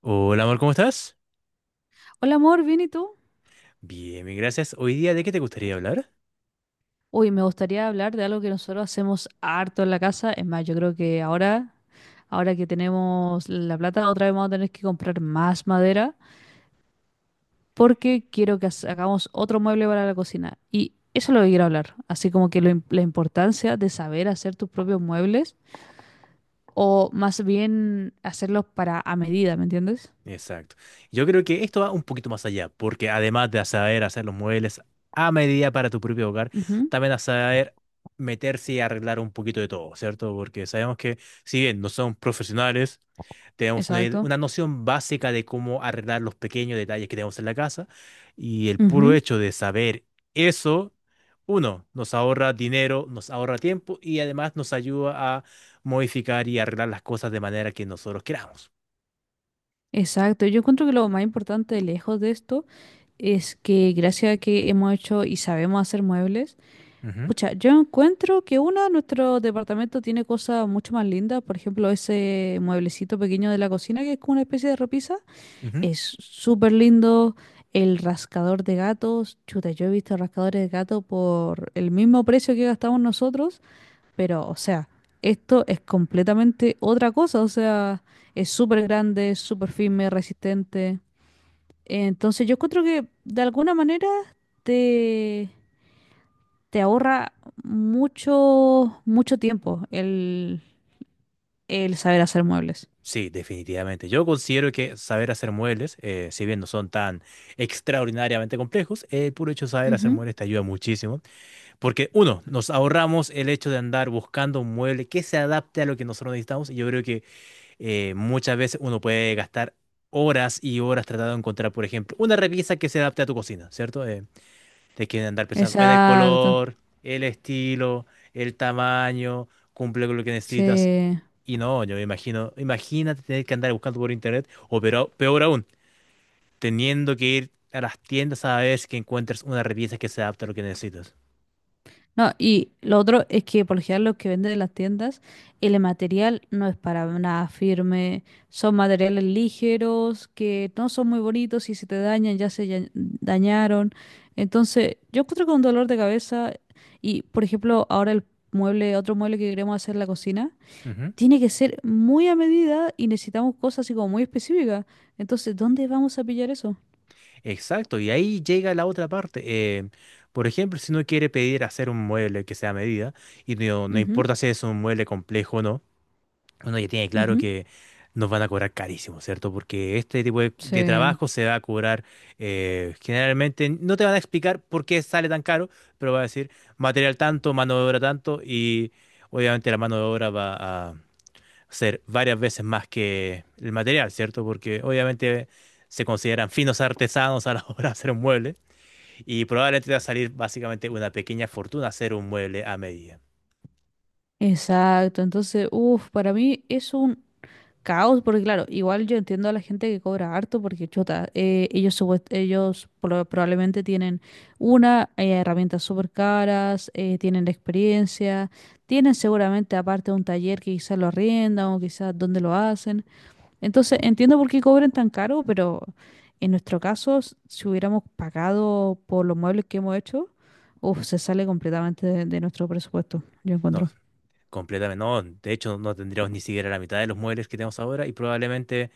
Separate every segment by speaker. Speaker 1: Hola, amor, ¿cómo estás?
Speaker 2: Hola amor, ¿bien y tú?
Speaker 1: Bien, bien, gracias. Hoy día, ¿de qué te gustaría hablar?
Speaker 2: Uy, me gustaría hablar de algo que nosotros hacemos harto en la casa. Es más, yo creo que ahora que tenemos la plata, otra vez vamos a tener que comprar más madera porque quiero que hagamos otro mueble para la cocina. Y eso es lo que quiero hablar. Así como que la importancia de saber hacer tus propios muebles o más bien hacerlos para a medida, ¿me entiendes?
Speaker 1: Exacto. Yo creo que esto va un poquito más allá, porque además de saber hacer los muebles a medida para tu propio hogar,
Speaker 2: Ujú,
Speaker 1: también a saber meterse y arreglar un poquito de todo, ¿cierto? Porque sabemos que, si bien no somos profesionales, tenemos una,
Speaker 2: exacto.
Speaker 1: una noción básica de cómo arreglar los pequeños detalles que tenemos en la casa y el puro
Speaker 2: Ujú,
Speaker 1: hecho de saber eso, uno, nos ahorra dinero, nos ahorra tiempo y además nos ayuda a modificar y arreglar las cosas de manera que nosotros queramos.
Speaker 2: exacto. Yo encuentro que lo más importante lejos de esto es que gracias a que hemos hecho y sabemos hacer muebles,
Speaker 1: Ujú,
Speaker 2: pucha, yo encuentro que una, nuestro departamento tiene cosas mucho más lindas. Por ejemplo, ese mueblecito pequeño de la cocina que es como una especie de repisa,
Speaker 1: ujú.
Speaker 2: es súper lindo. El rascador de gatos, chuta, yo he visto rascadores de gato por el mismo precio que gastamos nosotros, pero, o sea, esto es completamente otra cosa, o sea, es súper grande, súper firme, resistente. Entonces yo encuentro que de alguna manera te, te ahorra mucho tiempo el saber hacer muebles.
Speaker 1: Sí, definitivamente. Yo considero que saber hacer muebles, si bien no son tan extraordinariamente complejos, el puro hecho de saber hacer
Speaker 2: Ujú.
Speaker 1: muebles te ayuda muchísimo. Porque uno, nos ahorramos el hecho de andar buscando un mueble que se adapte a lo que nosotros necesitamos. Y yo creo que muchas veces uno puede gastar horas y horas tratando de encontrar, por ejemplo, una repisa que se adapte a tu cocina, ¿cierto? Te quieren andar pensando en el
Speaker 2: Exacto.
Speaker 1: color, el estilo, el tamaño, cumple con lo que necesitas.
Speaker 2: Sí.
Speaker 1: Y no, yo me imagino, imagínate tener que andar buscando por internet, o peor aún, teniendo que ir a las tiendas a ver si que encuentres una repisa que se adapte a lo que necesitas.
Speaker 2: No, y lo otro es que por lo general los que venden en las tiendas, el material no es para nada firme, son materiales ligeros que no son muy bonitos y si te dañan ya se dañaron. Entonces, yo encuentro con dolor de cabeza y, por ejemplo, ahora otro mueble que queremos hacer en la cocina,
Speaker 1: Ujú.
Speaker 2: tiene que ser muy a medida y necesitamos cosas así como muy específicas. Entonces, ¿dónde vamos a pillar eso?
Speaker 1: Exacto, y ahí llega la otra parte. Por ejemplo, si uno quiere pedir hacer un mueble que sea a medida, y no, no
Speaker 2: Ujú,
Speaker 1: importa si es un mueble complejo o no, uno ya tiene claro
Speaker 2: ujú.
Speaker 1: que nos van a cobrar carísimo, ¿cierto? Porque este tipo de
Speaker 2: Sí.
Speaker 1: trabajo se va a cobrar generalmente, no te van a explicar por qué sale tan caro, pero va a decir material tanto, mano de obra tanto, y obviamente la mano de obra va a hacer varias veces más que el material, ¿cierto? Porque obviamente se consideran finos artesanos a la hora de hacer un mueble y probablemente te va a salir básicamente una pequeña fortuna hacer un mueble a medida.
Speaker 2: Exacto, entonces, uff, para mí es un caos, porque claro, igual yo entiendo a la gente que cobra harto, porque chuta, ellos, ellos probablemente tienen una, herramientas súper caras, tienen la experiencia, tienen seguramente aparte un taller que quizás lo arriendan o quizás donde lo hacen. Entonces, entiendo por qué cobren tan caro, pero en nuestro caso, si hubiéramos pagado por los muebles que hemos hecho, uf, se sale completamente de nuestro presupuesto, yo
Speaker 1: No,
Speaker 2: encuentro.
Speaker 1: completamente no. De hecho, no tendríamos ni siquiera la mitad de los muebles que tenemos ahora y probablemente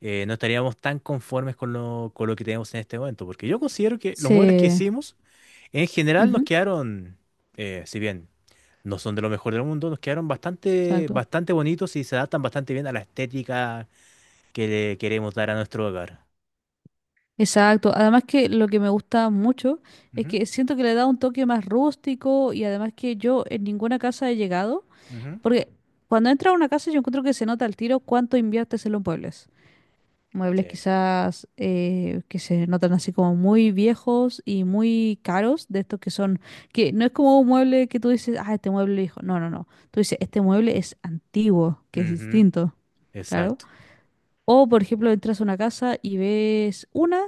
Speaker 1: no estaríamos tan conformes con lo que tenemos en este momento, porque yo considero que los muebles que
Speaker 2: Sí.
Speaker 1: hicimos en general nos
Speaker 2: Ujú,
Speaker 1: quedaron, si bien no son de lo mejor del mundo, nos quedaron bastante,
Speaker 2: exacto.
Speaker 1: bastante bonitos y se adaptan bastante bien a la estética que le queremos dar a nuestro hogar.
Speaker 2: Exacto, además que lo que me gusta mucho es
Speaker 1: Ujú,
Speaker 2: que siento que le da un toque más rústico y además que yo en ninguna casa he llegado,
Speaker 1: ujú.
Speaker 2: porque cuando entras a una casa yo encuentro que se nota al tiro cuánto inviertes en los muebles.
Speaker 1: Sí.
Speaker 2: Muebles quizás que se notan así como muy viejos y muy caros, de estos que son, que no es como un mueble que tú dices, ah, este mueble viejo, no, no, no, tú dices, este mueble es antiguo, que es
Speaker 1: Ujú.
Speaker 2: distinto. Claro.
Speaker 1: Exacto.
Speaker 2: O, por ejemplo, entras a una casa y ves una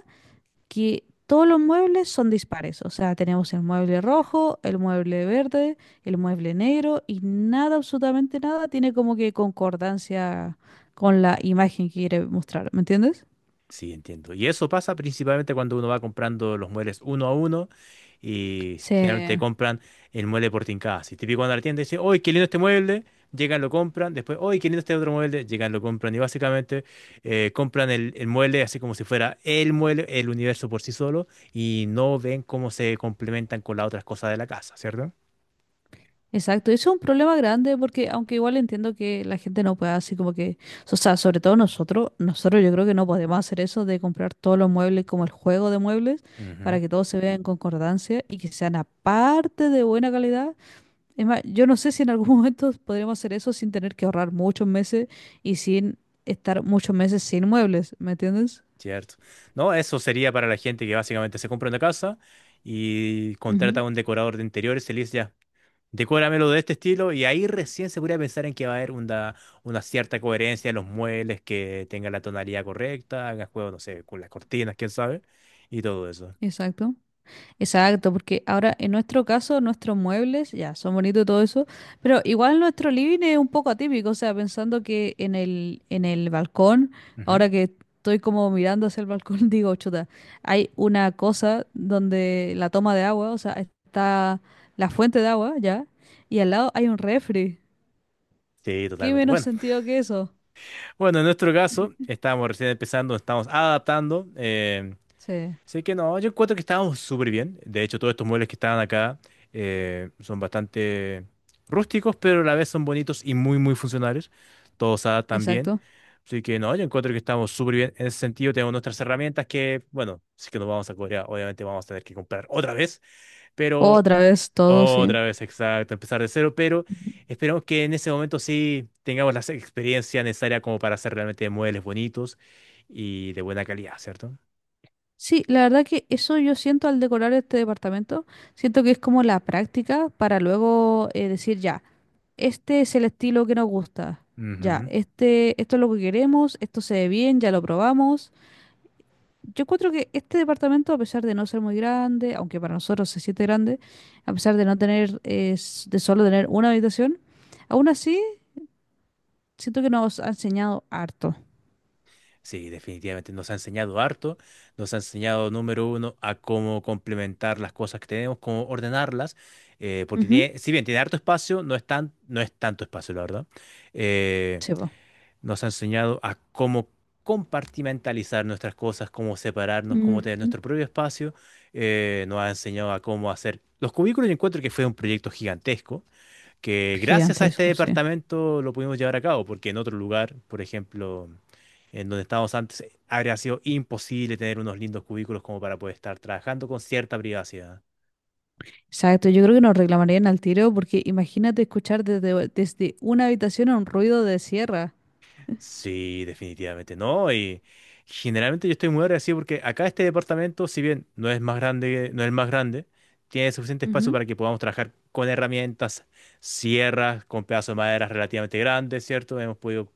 Speaker 2: que todos los muebles son dispares. O sea, tenemos el mueble rojo, el mueble verde, el mueble negro y nada, absolutamente nada, tiene como que concordancia con la imagen que quiere mostrar. ¿Me entiendes?
Speaker 1: Sí, entiendo. Y eso pasa principalmente cuando uno va comprando los muebles uno a uno y
Speaker 2: Sí,
Speaker 1: generalmente compran el mueble por tincada. Si típico cuando la tienda dice, ¡oy qué lindo este mueble! Llegan, lo compran. Después, ¡oy qué lindo este otro mueble! Llegan, lo compran. Y básicamente compran el mueble así como si fuera el mueble, el universo por sí solo, y no ven cómo se complementan con las otras cosas de la casa, ¿cierto?
Speaker 2: exacto. Eso es un problema grande porque aunque igual entiendo que la gente no pueda así como que, o sea, sobre todo nosotros, nosotros yo creo que no podemos hacer eso de comprar todos los muebles como el juego de muebles
Speaker 1: Ujú,
Speaker 2: para que todo se vea en concordancia y que sean aparte de buena calidad. Es más, yo no sé si en algún momento podríamos hacer eso sin tener que ahorrar muchos meses y sin estar muchos meses sin muebles, ¿me entiendes?
Speaker 1: cierto. No, eso sería para la gente que básicamente se compra una casa y contrata
Speaker 2: Ujú.
Speaker 1: a un decorador de interiores y le dice ya. Decóramelo de este estilo y ahí recién se podría pensar en que va a haber una cierta coherencia en los muebles, que tenga la tonalidad correcta, haga juego, no sé, con las cortinas, quién sabe, y todo eso.
Speaker 2: Exacto. Exacto, porque ahora en nuestro caso nuestros muebles ya son bonitos y todo eso, pero igual nuestro living es un poco atípico, o sea, pensando que en el balcón,
Speaker 1: Ujú.
Speaker 2: ahora que estoy como mirando hacia el balcón, digo, chuta, hay una cosa donde la toma de agua, o sea, está la fuente de agua, ya, y al lado hay un refri.
Speaker 1: Sí,
Speaker 2: ¿Qué
Speaker 1: totalmente.
Speaker 2: menos
Speaker 1: Bueno,
Speaker 2: sentido que eso?
Speaker 1: bueno, en nuestro caso, estábamos recién empezando, estamos adaptando.
Speaker 2: Sí,
Speaker 1: Sé que no, yo encuentro que estábamos súper bien. De hecho, todos estos muebles que estaban acá son bastante rústicos, pero a la vez son bonitos y muy, muy funcionales. Todos se adaptan bien.
Speaker 2: exacto.
Speaker 1: Así que no, yo encuentro que estamos súper bien. En ese sentido, tenemos nuestras herramientas que, bueno, sí que nos vamos a Corea. Obviamente vamos a tener que comprar otra vez, pero
Speaker 2: Otra vez todo, sí.
Speaker 1: otra vez, exacto, empezar de cero. Pero
Speaker 2: Ujú.
Speaker 1: esperamos que en ese momento sí tengamos la experiencia necesaria como para hacer realmente muebles bonitos y de buena calidad, ¿cierto?
Speaker 2: Sí, la verdad que eso yo siento al decorar este departamento, siento que es como la práctica para luego decir, ya, este es el estilo que nos gusta, ya,
Speaker 1: Ujú.
Speaker 2: este, esto es lo que queremos, esto se ve bien, ya lo probamos. Yo encuentro que este departamento, a pesar de no ser muy grande, aunque para nosotros se siente grande, a pesar de no tener, de solo tener una habitación, aún así siento que nos ha enseñado harto.
Speaker 1: Sí, definitivamente nos ha enseñado harto, nos ha enseñado número uno a cómo complementar las cosas que tenemos, cómo ordenarlas, porque
Speaker 2: Ujú.
Speaker 1: tiene, si bien tiene harto espacio, no es tan, no es tanto espacio, la verdad. Eh,
Speaker 2: Sí, po.
Speaker 1: nos ha enseñado a cómo compartimentalizar nuestras cosas, cómo separarnos, cómo tener
Speaker 2: Ujú.
Speaker 1: nuestro propio espacio. Nos ha enseñado a cómo hacer los cubículos. Yo encuentro que fue un proyecto gigantesco que gracias a este
Speaker 2: Gigantesco, sí.
Speaker 1: departamento lo pudimos llevar a cabo, porque en otro lugar, por ejemplo, en donde estábamos antes, habría sido imposible tener unos lindos cubículos como para poder estar trabajando con cierta privacidad.
Speaker 2: Exacto, yo creo que nos reclamarían al tiro porque imagínate escuchar desde una habitación un ruido de sierra.
Speaker 1: Sí, definitivamente no. Y generalmente yo estoy muy agradecido porque acá este departamento, si bien no es más grande, no es el más grande, tiene suficiente espacio
Speaker 2: Ujú.
Speaker 1: para que podamos trabajar con herramientas, sierras, con pedazos de madera relativamente grandes, ¿cierto? Hemos podido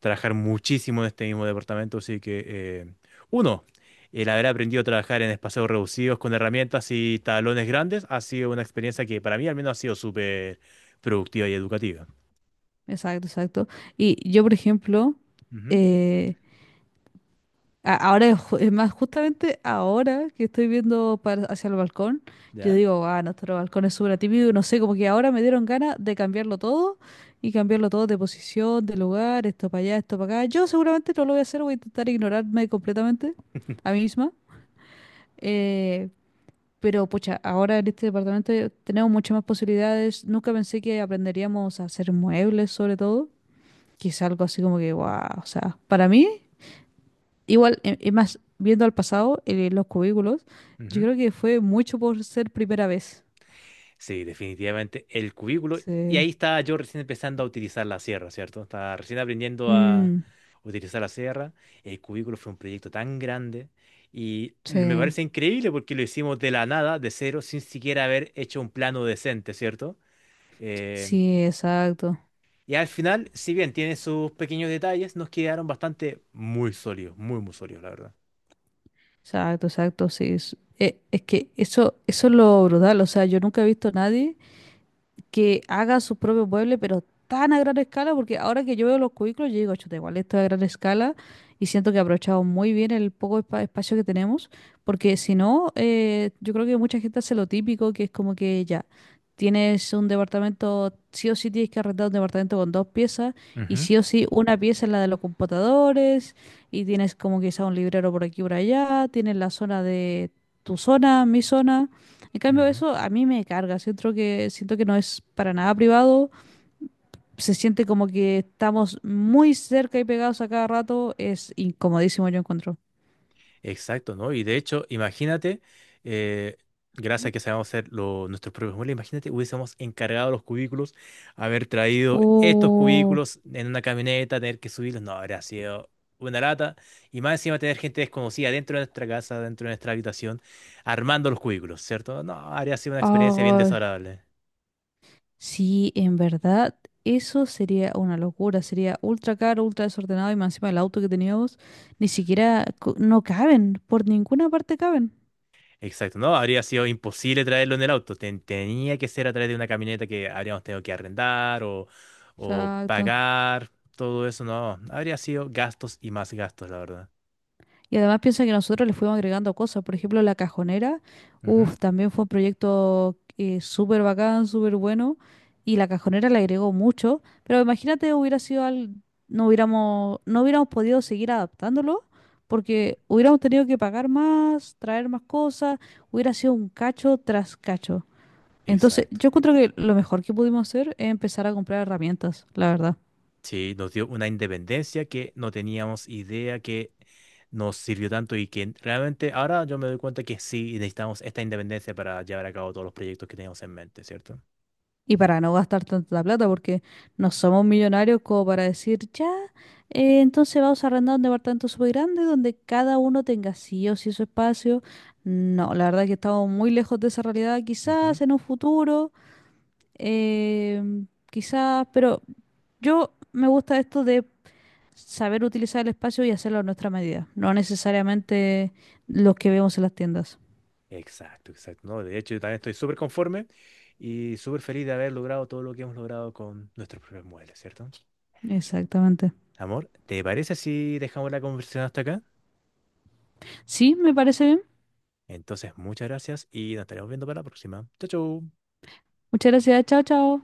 Speaker 1: trabajar muchísimo en este mismo departamento, así que, uno, el haber aprendido a trabajar en espacios reducidos con herramientas y talones grandes ha sido una experiencia que para mí al menos ha sido súper productiva y educativa.
Speaker 2: Exacto, exacto. Y yo, por ejemplo,
Speaker 1: Ujú.
Speaker 2: eh, ahora, es más, justamente ahora que estoy viendo hacia el balcón, yo
Speaker 1: ¿Ya?
Speaker 2: digo, ah, nuestro balcón es súper típico y no sé, como que ahora me dieron ganas de cambiarlo todo y cambiarlo todo de posición, de lugar, esto para allá, esto para acá. Yo seguramente no lo voy a hacer, voy a intentar ignorarme completamente a mí misma. Eh, pero pucha, ahora en este departamento tenemos muchas más posibilidades. Nunca pensé que aprenderíamos a hacer muebles, sobre todo, que es algo así como que, wow, o sea, para mí, igual, es más, viendo al pasado, los cubículos, yo
Speaker 1: Ujú.
Speaker 2: creo que fue mucho por ser primera vez.
Speaker 1: Sí, definitivamente el cubículo. Y
Speaker 2: Sí.
Speaker 1: ahí estaba yo recién empezando a utilizar la sierra, ¿cierto? Estaba recién aprendiendo a
Speaker 2: Mm,
Speaker 1: utilizar la sierra. El cubículo fue un proyecto tan grande y me
Speaker 2: sí,
Speaker 1: parece increíble porque lo hicimos de la nada, de cero, sin siquiera haber hecho un plano decente, ¿cierto? Eh,
Speaker 2: sí, exacto,
Speaker 1: y al final, si bien tiene sus pequeños detalles, nos quedaron bastante muy sólidos, muy, muy sólidos, la verdad.
Speaker 2: exacto, exacto, sí. Es que eso es lo brutal, o sea, yo nunca he visto a nadie que haga su propio mueble, pero tan a gran escala, porque ahora que yo veo los cubículos, yo digo, chuta, igual esto es a gran escala y siento que he aprovechado muy bien el poco espacio que tenemos, porque si no, yo creo que mucha gente hace lo típico, que es como que ya. Tienes un departamento, sí o sí tienes que arrendar un departamento con dos piezas y
Speaker 1: Ujú,
Speaker 2: sí o sí una pieza es la de los computadores y tienes como quizá un librero por aquí por allá, tienes la zona de tu zona, mi zona. En cambio,
Speaker 1: ujú.
Speaker 2: eso a mí me carga. Siento siento que no es para nada privado. Se siente como que estamos muy cerca y pegados a cada rato. Es incomodísimo, yo encuentro.
Speaker 1: Exacto, ¿no? Y de hecho, imagínate, eh, gracias
Speaker 2: Ujú.
Speaker 1: a que sabemos hacer nuestros propios muebles, imagínate, hubiésemos encargado los cubículos, haber traído estos
Speaker 2: Oh,
Speaker 1: cubículos en una camioneta, tener que subirlos, no, habría sido una lata. Y más encima tener gente desconocida dentro de nuestra casa, dentro de nuestra habitación, armando los cubículos, ¿cierto? No, habría sido una experiencia bien
Speaker 2: ah,
Speaker 1: desagradable.
Speaker 2: sí, en verdad, eso sería una locura. Sería ultra caro, ultra desordenado y más encima el auto que teníamos. Ni siquiera no caben. Por ninguna parte caben.
Speaker 1: Exacto, no, habría sido imposible traerlo en el auto. Tenía que ser a través de una camioneta que habríamos tenido que arrendar o
Speaker 2: Exacto.
Speaker 1: pagar. Todo eso, no. Habría sido gastos y más gastos, la verdad.
Speaker 2: Y además piensa que nosotros le fuimos agregando cosas. Por ejemplo, la cajonera.
Speaker 1: Ujú,
Speaker 2: Uff también fue un proyecto súper bacán, súper bueno. Y la cajonera le agregó mucho. Pero imagínate, hubiera sido al... no hubiéramos podido seguir adaptándolo porque hubiéramos tenido que pagar más, traer más cosas. Hubiera sido un cacho tras cacho. Entonces,
Speaker 1: exacto.
Speaker 2: yo encuentro que lo mejor que pudimos hacer es empezar a comprar herramientas, la verdad.
Speaker 1: Sí, nos dio una independencia que no teníamos idea que nos sirvió tanto y que realmente ahora yo me doy cuenta que sí necesitamos esta independencia para llevar a cabo todos los proyectos que teníamos en mente, cierto.
Speaker 2: Y para no gastar tanta plata, porque no somos millonarios como para decir, ya, entonces vamos a arrendar un departamento súper grande donde cada uno tenga sí o sí su espacio. No, la verdad que estamos muy lejos de esa realidad,
Speaker 1: Ujú.
Speaker 2: quizás en un futuro, quizás, pero yo me gusta esto de saber utilizar el espacio y hacerlo a nuestra medida, no necesariamente los que vemos en las tiendas.
Speaker 1: Exacto, exacto. No, de hecho, yo también estoy súper conforme y súper feliz de haber logrado todo lo que hemos logrado con nuestros propios muebles, ¿cierto?
Speaker 2: Exactamente.
Speaker 1: Amor, ¿te parece si dejamos la conversación hasta acá?
Speaker 2: Sí, me parece bien.
Speaker 1: Entonces, muchas gracias y nos estaremos viendo para la próxima. Chau, chau.
Speaker 2: Muchas gracias, chao, chao.